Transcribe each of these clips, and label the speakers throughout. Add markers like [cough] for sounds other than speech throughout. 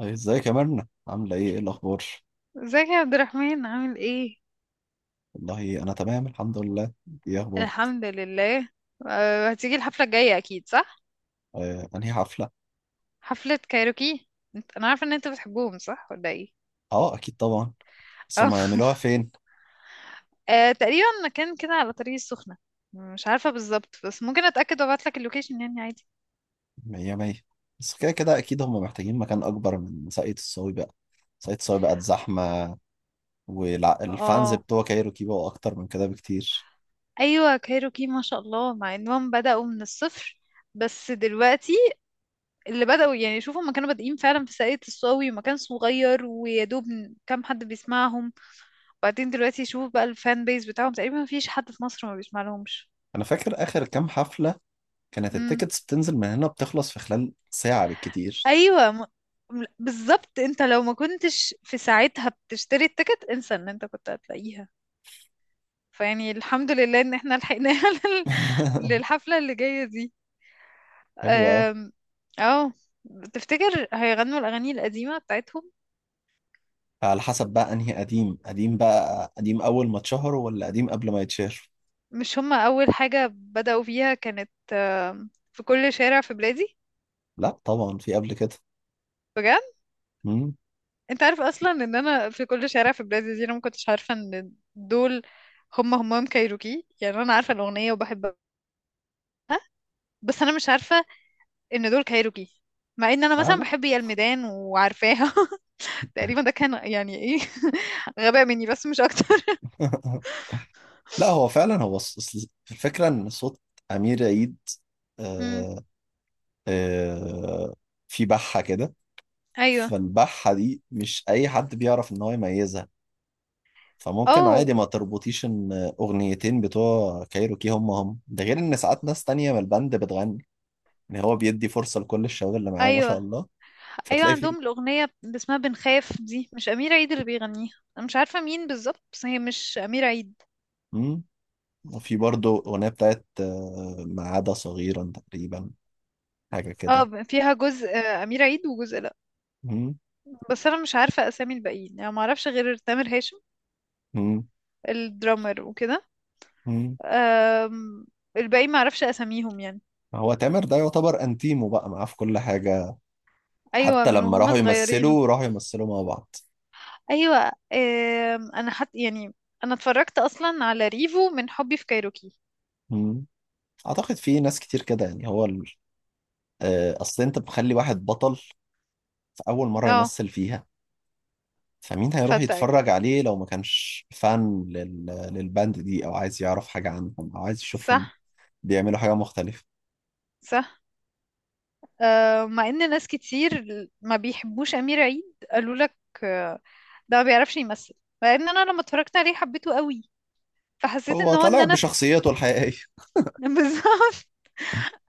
Speaker 1: أي، ازيك يا مرنة؟ عاملة ايه الأخبار؟
Speaker 2: ازيك يا عبد الرحمن، عامل ايه؟
Speaker 1: والله أنا تمام الحمد لله. ايه أخبار؟
Speaker 2: الحمد لله. أه، هتيجي الحفله الجايه اكيد صح؟
Speaker 1: آه، أنهي حفلة؟
Speaker 2: حفله كايروكي. انا عارفه ان انت بتحبهم، صح ولا ايه؟
Speaker 1: اه، أكيد طبعا.
Speaker 2: [laughs]
Speaker 1: بس
Speaker 2: اه.
Speaker 1: هما يعملوها فين؟
Speaker 2: تقريبا مكان كده على طريق السخنه. مش عارفه بالظبط، بس ممكن اتاكد وابعت لك اللوكيشن يعني عادي.
Speaker 1: مية مية. بس كده كده أكيد هما محتاجين مكان أكبر من ساقية الصاوي بقى. ساقية الصاوي بقت زحمة. والفانز
Speaker 2: اه،
Speaker 1: بتوع كايروكي بقوا أكتر من كده بكتير.
Speaker 2: ايوه كايروكي ما شاء الله، مع انهم بداوا من الصفر. بس دلوقتي اللي بداوا، يعني شوفوا ما كانوا بادئين فعلا في ساقية الصاوي ومكان صغير ويا دوب كام حد بيسمعهم. بعدين دلوقتي شوف بقى الفان بيز بتاعهم، تقريبا مفيش حد في مصر ما بيسمع لهمش.
Speaker 1: أنا فاكر آخر كام حفلة كانت
Speaker 2: امم،
Speaker 1: التيكتس بتنزل من هنا، بتخلص في خلال ساعة بالكتير.
Speaker 2: ايوه. م... م- بالظبط، انت لو ما كنتش في ساعتها بتشتري التيكت، انسى ان انت كنت هتلاقيها. فيعني الحمد لله ان احنا لحقناها [laughs]
Speaker 1: [laughs]
Speaker 2: للحفلة اللي جاية دي.
Speaker 1: حلو أوي.
Speaker 2: أم، اه. تفتكر هيغنوا الاغاني القديمة بتاعتهم؟
Speaker 1: على حسب بقى أنهي قديم؟ قديم بقى قديم أول ما اتشهر ولا قديم قبل ما يتشهر؟
Speaker 2: مش هما اول حاجة بدأوا فيها كانت في كل شارع في بلادي؟
Speaker 1: لا طبعا، في قبل كده.
Speaker 2: بجد؟
Speaker 1: امم.
Speaker 2: انت عارف اصلا ان انا في كل شارع في بلاد الجزيره ما كنتش عارفه ان دول هم همام كايروكي، يعني انا عارفه الاغنيه وبحبها، بس انا مش عارفه ان دول كايروكي، مع ان انا
Speaker 1: لا
Speaker 2: مثلا
Speaker 1: لا.
Speaker 2: بحب يا الميدان وعارفاها. [laughs] تقريبا ده كان يعني ايه؟ [laughs] غباء مني بس مش اكتر. [laughs]
Speaker 1: [laughs] لا، هو فعلا هو أصل الفكرة ان صوت امير عيد
Speaker 2: امم،
Speaker 1: آه آه في بحة كده.
Speaker 2: ايوه.
Speaker 1: فالبحة دي مش اي حد بيعرف ان هو يميزها. فممكن
Speaker 2: اوه،
Speaker 1: عادي ما تربطيش ان اغنيتين بتوع كايروكي هم هم، ده غير ان ساعات ناس تانية من البند بتغني. يعني هو بيدي فرصة لكل الشباب اللي معاه ما شاء
Speaker 2: ايوه،
Speaker 1: الله.
Speaker 2: ايوه.
Speaker 1: فتلاقي في
Speaker 2: عندهم الاغنيه اللي اسمها بنخاف دي مش امير عيد اللي بيغنيها. انا مش عارفه مين بالظبط، بس هي مش امير عيد.
Speaker 1: امم وفي برضه اغنية بتاعت ما عدا صغيرا تقريبا، حاجة كده.
Speaker 2: اه، فيها جزء امير عيد وجزء لا.
Speaker 1: مم.
Speaker 2: بس انا مش عارفه اسامي الباقيين، يعني ما اعرفش غير تامر هاشم
Speaker 1: مم.
Speaker 2: الدرامر وكده.
Speaker 1: مم.
Speaker 2: أم، الباقي ما اعرفش اساميهم يعني.
Speaker 1: هو تامر ده يعتبر انتيمو بقى معاه في كل حاجة.
Speaker 2: ايوه،
Speaker 1: حتى
Speaker 2: من
Speaker 1: لما
Speaker 2: وهم
Speaker 1: راحوا
Speaker 2: صغيرين.
Speaker 1: يمثلوا راحوا يمثلوا مع بعض.
Speaker 2: ايوه، انا حت يعني انا اتفرجت اصلا على ريفو من حبي في كايروكي.
Speaker 1: مم. اعتقد في ناس كتير كده. يعني هو اصل انت بتخلي واحد بطل في اول مرة
Speaker 2: اه،
Speaker 1: يمثل فيها، فمين هيروح
Speaker 2: فانتاك.
Speaker 1: يتفرج عليه لو ما كانش فان للباند دي، او عايز يعرف حاجة عنهم، او عايز يشوفهم
Speaker 2: صح.
Speaker 1: بيعملوا حاجة مختلفة.
Speaker 2: صح. مع ان ناس كتير ما بيحبوش امير عيد، قالوا لك أه، ده ما بيعرفش يمثل، مع ان انا لما اتفرجت عليه حبيته قوي. فحسيت
Speaker 1: هو
Speaker 2: ان
Speaker 1: طالع
Speaker 2: انا في
Speaker 1: بشخصيته الحقيقية.
Speaker 2: [laughs] بالظبط.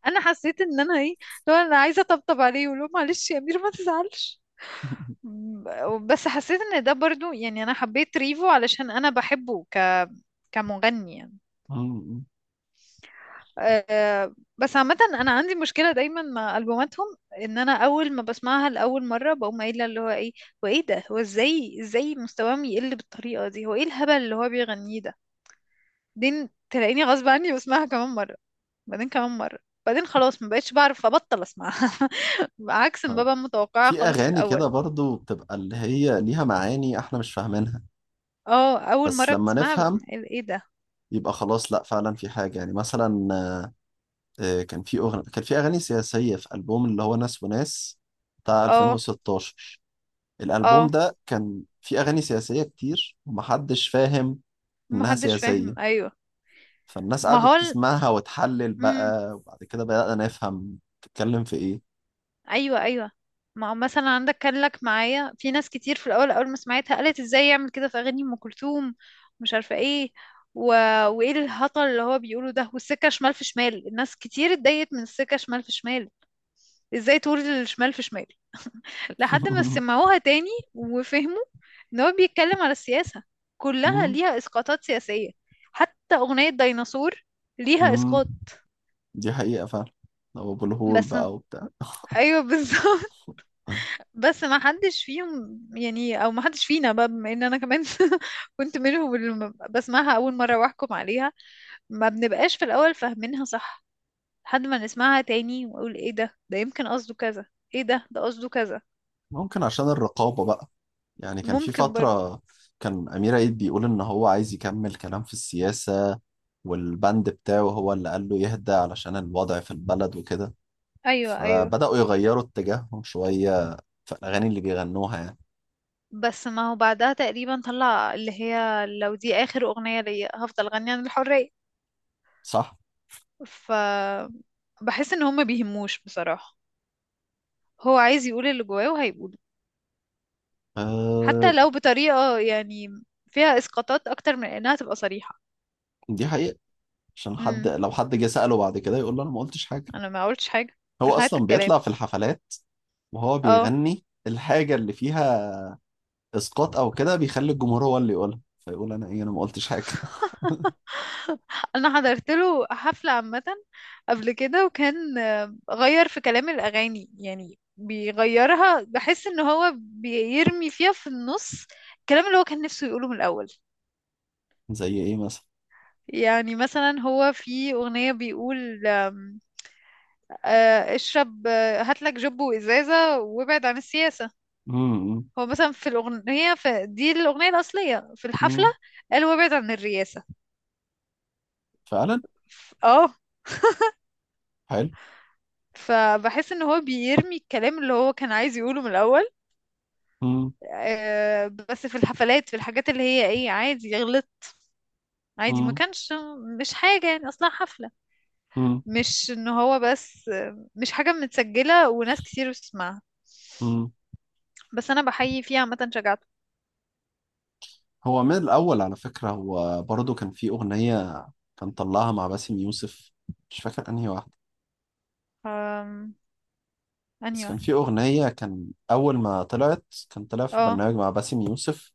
Speaker 2: انا حسيت ان انا ايه، لو انا عايزه اطبطب عليه، ولو معلش يا امير ما تزعلش.
Speaker 1: [laughs]
Speaker 2: بس حسيت ان ده برضو، يعني انا حبيت ريفو علشان انا بحبه كمغني يعني.
Speaker 1: مم.
Speaker 2: أه، بس عامة أنا عندي مشكلة دايما مع ألبوماتهم، إن أنا أول ما بسمعها لأول مرة بقوم قايلة اللي هو إيه. هو إيه ده؟ هو إزاي مستواهم يقل بالطريقة دي؟ هو إيه الهبل اللي هو بيغنيه ده؟ بعدين تلاقيني غصب عني بسمعها كمان مرة، بعدين كمان مرة، بعدين خلاص ما بقتش بعرف ابطل اسمعها. [laughs] عكس ما
Speaker 1: آه.
Speaker 2: ببقى متوقعة
Speaker 1: في
Speaker 2: خالص في
Speaker 1: أغاني كده
Speaker 2: الاول.
Speaker 1: برضو بتبقى اللي هي ليها معاني إحنا مش فاهمينها.
Speaker 2: اه، اول
Speaker 1: بس
Speaker 2: مرة
Speaker 1: لما
Speaker 2: بتسمعها
Speaker 1: نفهم
Speaker 2: ايه ده.
Speaker 1: يبقى خلاص، لا فعلا في حاجة. يعني مثلا كان في أغاني سياسية في ألبوم اللي هو ناس وناس بتاع
Speaker 2: اه،
Speaker 1: 2016. الألبوم
Speaker 2: اه.
Speaker 1: ده كان في أغاني سياسية كتير ومحدش فاهم إنها
Speaker 2: محدش فاهم،
Speaker 1: سياسية.
Speaker 2: ايوه.
Speaker 1: فالناس
Speaker 2: ما هو
Speaker 1: قعدت تسمعها وتحلل
Speaker 2: امم،
Speaker 1: بقى، وبعد كده بدأنا نفهم تتكلم في إيه.
Speaker 2: ايوه، ايوه. ما هو مثلا عندك كان لك معايا في ناس كتير، في الاول اول ما سمعتها قالت ازاي يعمل كده في اغاني ام كلثوم مش عارفة ايه، و... وايه الهطل اللي هو بيقوله ده، والسكة شمال في شمال، الناس كتير اتضايقت من السكة شمال في شمال، ازاي تقول الشمال في شمال؟ لحد ما
Speaker 1: [laughs]
Speaker 2: سمعوها تاني وفهموا ان هو بيتكلم على السياسة، كلها
Speaker 1: مم،
Speaker 2: ليها اسقاطات سياسية. حتى اغنية ديناصور ليها
Speaker 1: مم.
Speaker 2: اسقاط.
Speaker 1: دي حقيقة فعلا. أو أبو الهول
Speaker 2: بس،
Speaker 1: بقى وبتاع.
Speaker 2: ايوه بالظبط. [laughs] بس ما حدش فيهم يعني، او ما حدش فينا بقى، بما ان انا كمان [laughs] كنت منهم اللي بسمعها اول مرة واحكم عليها. ما بنبقاش في الاول فاهمينها صح، لحد ما نسمعها تاني ونقول ايه ده، ده يمكن قصده كذا، ايه ده، ده قصده كذا.
Speaker 1: ممكن عشان الرقابة بقى. يعني كان في
Speaker 2: ممكن برضه.
Speaker 1: فترة كان أمير عيد بيقول إن هو عايز يكمل كلام في السياسة، والبند بتاعه هو اللي قال له يهدى علشان الوضع في البلد وكده.
Speaker 2: ايوه، ايوه.
Speaker 1: فبدأوا يغيروا اتجاههم شوية في الأغاني اللي بيغنوها يعني.
Speaker 2: بس ما هو بعدها تقريبا طلع اللي هي لو دي اخر اغنية ليا هفضل غني عن الحرية.
Speaker 1: صح؟
Speaker 2: ف بحس ان هما بيهموش بصراحة، هو عايز يقول اللي جواه وهيقوله، حتى
Speaker 1: أه.
Speaker 2: لو بطريقة يعني فيها اسقاطات اكتر من انها تبقى صريحة.
Speaker 1: دي حقيقة. عشان حد
Speaker 2: امم.
Speaker 1: لو حد جه سأله بعد كده يقول له أنا ما قلتش حاجة.
Speaker 2: انا ما قلتش حاجة.
Speaker 1: هو
Speaker 2: هات
Speaker 1: أصلا
Speaker 2: الكلام.
Speaker 1: بيطلع في الحفلات وهو
Speaker 2: اه.
Speaker 1: بيغني الحاجة اللي فيها إسقاط أو كده بيخلي الجمهور هو اللي يقولها، فيقول أنا إيه؟ أنا ما قلتش حاجة.
Speaker 2: [laughs] انا حضرت له حفلة عامة قبل كده، وكان غير في كلام الاغاني يعني بيغيرها. بحس ان هو بيرمي فيها في النص الكلام اللي هو كان نفسه يقوله من الاول.
Speaker 1: [laughs] زي إيه مثلا؟
Speaker 2: يعني مثلا هو في اغنية بيقول آم، آه، اشرب، هاتلك جب وازازة وابعد عن السياسة.
Speaker 1: امم
Speaker 2: هو مثلا في الاغنية، في دي الاغنية الاصلية في الحفلة،
Speaker 1: امم
Speaker 2: قال وابعد عن الرياسة.
Speaker 1: فعلا
Speaker 2: اه،
Speaker 1: حلو.
Speaker 2: فبحس ان هو بيرمي الكلام اللي هو كان عايز يقوله من الاول.
Speaker 1: مم.
Speaker 2: بس في الحفلات، في الحاجات اللي هي ايه، عادي غلط عادي ما
Speaker 1: مم.
Speaker 2: كانش مش حاجة، يعني اصلا حفلة،
Speaker 1: مم.
Speaker 2: مش ان هو بس مش حاجة متسجلة وناس كتير بتسمعها.
Speaker 1: مم.
Speaker 2: بس انا بحيي فيها عامة شجاعته.
Speaker 1: هو من الأول على فكرة، هو برضه كان في أغنية كان طلعها مع باسم يوسف، مش فاكر أنهي واحدة.
Speaker 2: أم...
Speaker 1: بس
Speaker 2: انهي
Speaker 1: كان في
Speaker 2: واحدة.
Speaker 1: أغنية كان أول ما طلعت كان طلع في
Speaker 2: اه.
Speaker 1: برنامج مع باسم يوسف.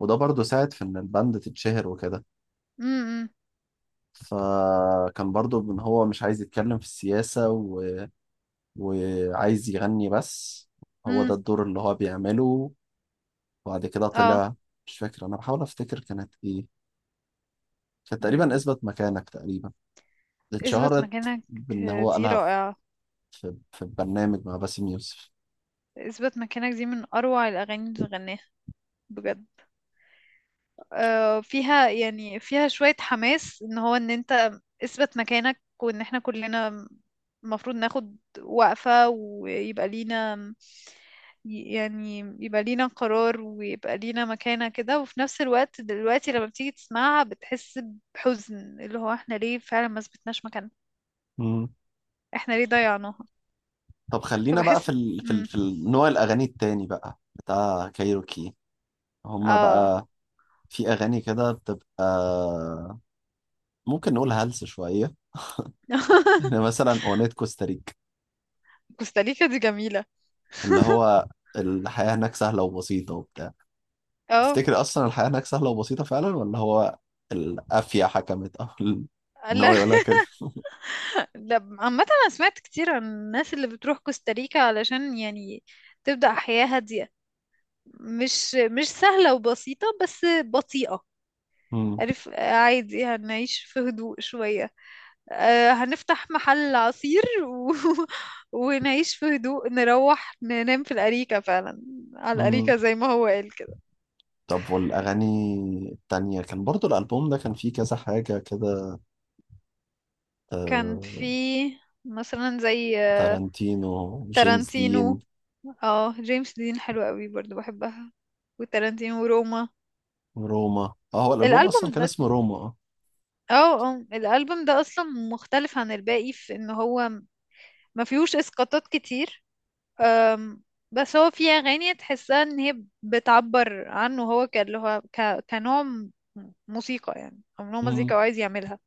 Speaker 1: وده برضه ساعد في إن الباند تتشهر وكده.
Speaker 2: امم.
Speaker 1: فكان برضه إن هو مش عايز يتكلم في السياسة، و... وعايز يغني بس. هو ده
Speaker 2: امم.
Speaker 1: الدور اللي هو بيعمله. وبعد كده
Speaker 2: اه.
Speaker 1: طلع، مش فاكر، أنا بحاول أفتكر كانت إيه. فتقريبا
Speaker 2: امم.
Speaker 1: اثبت مكانك، تقريبا
Speaker 2: اثبت
Speaker 1: اتشهرت
Speaker 2: مكانك
Speaker 1: بان هو
Speaker 2: دي
Speaker 1: قالها في
Speaker 2: رائعة.
Speaker 1: في برنامج مع باسم يوسف.
Speaker 2: اثبت مكانك دي من اروع الاغاني اللي غناها بجد. فيها يعني فيها شوية حماس، ان انت اثبت مكانك، وان احنا كلنا المفروض ناخد وقفة، ويبقى لينا يعني يبقى لينا قرار، ويبقى لينا مكانة كده. وفي نفس الوقت دلوقتي لما بتيجي تسمعها بتحس بحزن اللي هو احنا ليه فعلا ما اثبتناش مكاننا،
Speaker 1: مم.
Speaker 2: احنا ليه ضيعناها.
Speaker 1: طب خلينا بقى في
Speaker 2: فبحس. مم.
Speaker 1: نوع الاغاني التاني بقى بتاع كايروكي. هما
Speaker 2: اه.
Speaker 1: بقى في اغاني كده بتبقى ممكن نقول هلس شويه. [laughs] يعني
Speaker 2: [laughs]
Speaker 1: مثلا اغنيه كوستاريكا،
Speaker 2: كوستاريكا دي جميلة.
Speaker 1: اللي هو الحياه هناك سهله وبسيطه وبتاع.
Speaker 2: اه،
Speaker 1: تفتكر اصلا الحياه هناك سهله وبسيطه فعلا، ولا هو القافيه حكمت او [laughs] ان هو
Speaker 2: لا،
Speaker 1: يقولها كده.
Speaker 2: لا، عامة أنا سمعت كتير عن الناس اللي بتروح كوستاريكا علشان يعني تبدأ حياة هادية، مش سهلة وبسيطة بس بطيئة.
Speaker 1: مم.
Speaker 2: عارف، عادي هنعيش في هدوء شوية. هنفتح محل عصير [laughs] ونعيش في هدوء، نروح ننام في الأريكة فعلا، على
Speaker 1: مم.
Speaker 2: الأريكة زي ما هو قال كده.
Speaker 1: طب والأغاني التانية؟ كان برضو الألبوم ده كان فيه كذا حاجة كده.
Speaker 2: كان في
Speaker 1: آه،
Speaker 2: مثلا زي
Speaker 1: تارانتينو، جيمس دين،
Speaker 2: تارانتينو. اه، جيمس دين حلوة قوي برضو بحبها، وتارانتينو وروما.
Speaker 1: روما. اه، هو الألبوم
Speaker 2: الالبوم
Speaker 1: أصلا كان
Speaker 2: ده
Speaker 1: اسمه روما. اه.
Speaker 2: اه، اه. الالبوم ده اصلا مختلف عن الباقي في ان هو ما فيهوش اسقاطات كتير. أم، بس هو فيه اغاني تحسها ان هي بتعبر عنه هو اللي هو كنوع موسيقى يعني، او نوع
Speaker 1: مم،
Speaker 2: مزيكا هو عايز يعملها.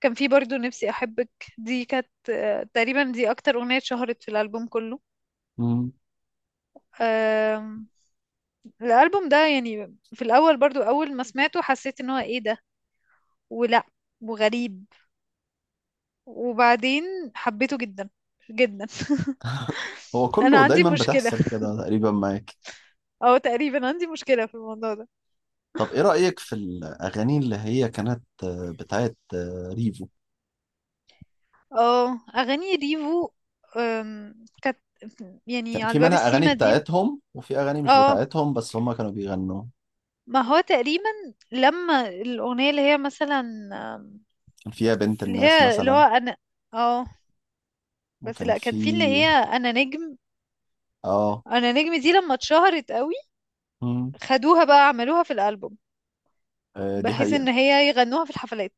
Speaker 2: كان في برضو نفسي احبك، دي كانت تقريبا دي اكتر اغنية اتشهرت في الالبوم كله.
Speaker 1: مم.
Speaker 2: آم، الالبوم ده يعني في الاول برضو اول ما سمعته حسيت ان هو ايه ده، ولا، وغريب، وبعدين حبيته جدا جدا. [laughs]
Speaker 1: هو
Speaker 2: انا
Speaker 1: كله
Speaker 2: عندي
Speaker 1: دايما
Speaker 2: مشكله،
Speaker 1: بتحصل كده تقريبا معاك.
Speaker 2: او تقريبا عندي مشكله في الموضوع ده.
Speaker 1: طب إيه رأيك في الأغاني اللي هي كانت بتاعت ريفو؟
Speaker 2: اه، اغاني ريفو كانت يعني
Speaker 1: كان في
Speaker 2: على باب
Speaker 1: منها أغاني
Speaker 2: السيما دي.
Speaker 1: بتاعتهم وفي أغاني مش
Speaker 2: اه،
Speaker 1: بتاعتهم بس هما كانوا بيغنوا.
Speaker 2: ما هو تقريبا لما الاغنيه اللي هي مثلا، أم،
Speaker 1: كان فيها بنت
Speaker 2: اللي
Speaker 1: الناس
Speaker 2: هي اللي هو
Speaker 1: مثلا،
Speaker 2: انا. اه، بس
Speaker 1: وكان
Speaker 2: لا
Speaker 1: في،
Speaker 2: كان في اللي هي انا نجم.
Speaker 1: اه.
Speaker 2: انا نجم دي لما اتشهرت قوي
Speaker 1: مم،
Speaker 2: خدوها بقى عملوها في الالبوم،
Speaker 1: آه، دي
Speaker 2: بحيث
Speaker 1: حقيقة.
Speaker 2: ان هي يغنوها في الحفلات،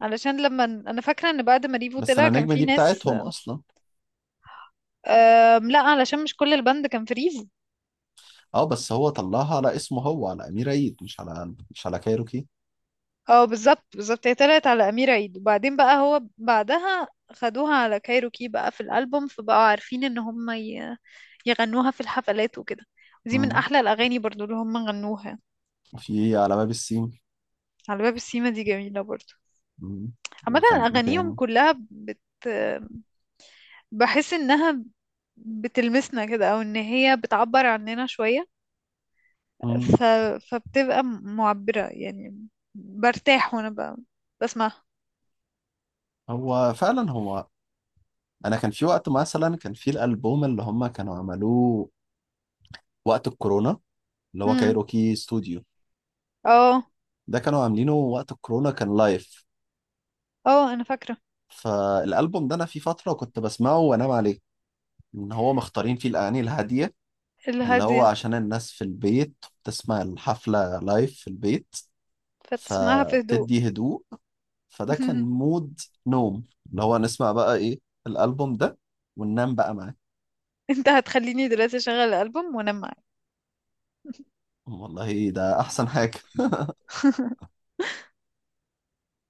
Speaker 2: علشان لما انا فاكره ان بعد ما ريفو
Speaker 1: بس
Speaker 2: طلع
Speaker 1: انا
Speaker 2: كان
Speaker 1: نجم
Speaker 2: في
Speaker 1: دي
Speaker 2: ناس.
Speaker 1: بتاعتهم اصلا.
Speaker 2: لا، علشان مش كل البند كان في ريفو.
Speaker 1: اه، بس هو طلعها على اسمه هو، على امير عيد، مش على كايروكي.
Speaker 2: اه، بالظبط بالظبط. هي طلعت على أمير عيد، وبعدين بقى هو بعدها خدوها على كايروكي بقى في الألبوم، فبقوا عارفين ان هم يغنوها في الحفلات وكده. دي من
Speaker 1: مم.
Speaker 2: احلى الاغاني برضو اللي هم غنوها.
Speaker 1: وفي على باب السيم.
Speaker 2: على باب السيما دي جميلة برضو.
Speaker 1: مم.
Speaker 2: عامة
Speaker 1: وكان ايه
Speaker 2: اغانيهم
Speaker 1: تاني؟
Speaker 2: كلها بحس انها بتلمسنا كده، او ان هي بتعبر عننا شوية.
Speaker 1: مم.
Speaker 2: ف... فبتبقى معبرة يعني. برتاح وانا بسمعها.
Speaker 1: هو فعلا، هو انا كان في وقت مثلا كان في الالبوم اللي هم كانوا عملوه وقت الكورونا اللي هو كايروكي ستوديو.
Speaker 2: اه.
Speaker 1: ده كانوا عاملينه وقت الكورونا، كان لايف.
Speaker 2: اه. انا فاكرة.
Speaker 1: فالالبوم ده انا في فتره كنت بسمعه وانام عليه، ان هو مختارين فيه الاغاني الهاديه اللي هو
Speaker 2: الهادية
Speaker 1: عشان الناس في البيت بتسمع الحفلة لايف في البيت.
Speaker 2: فتسمعها في هدوء.
Speaker 1: فبتدي هدوء. فده كان
Speaker 2: [laughs]
Speaker 1: مود نوم، اللي هو نسمع بقى ايه؟ الألبوم ده وننام بقى معاه.
Speaker 2: انت هتخليني دلوقتي اشغل الالبوم وانام معاك.
Speaker 1: والله ده أحسن حاجة.
Speaker 2: [laughs]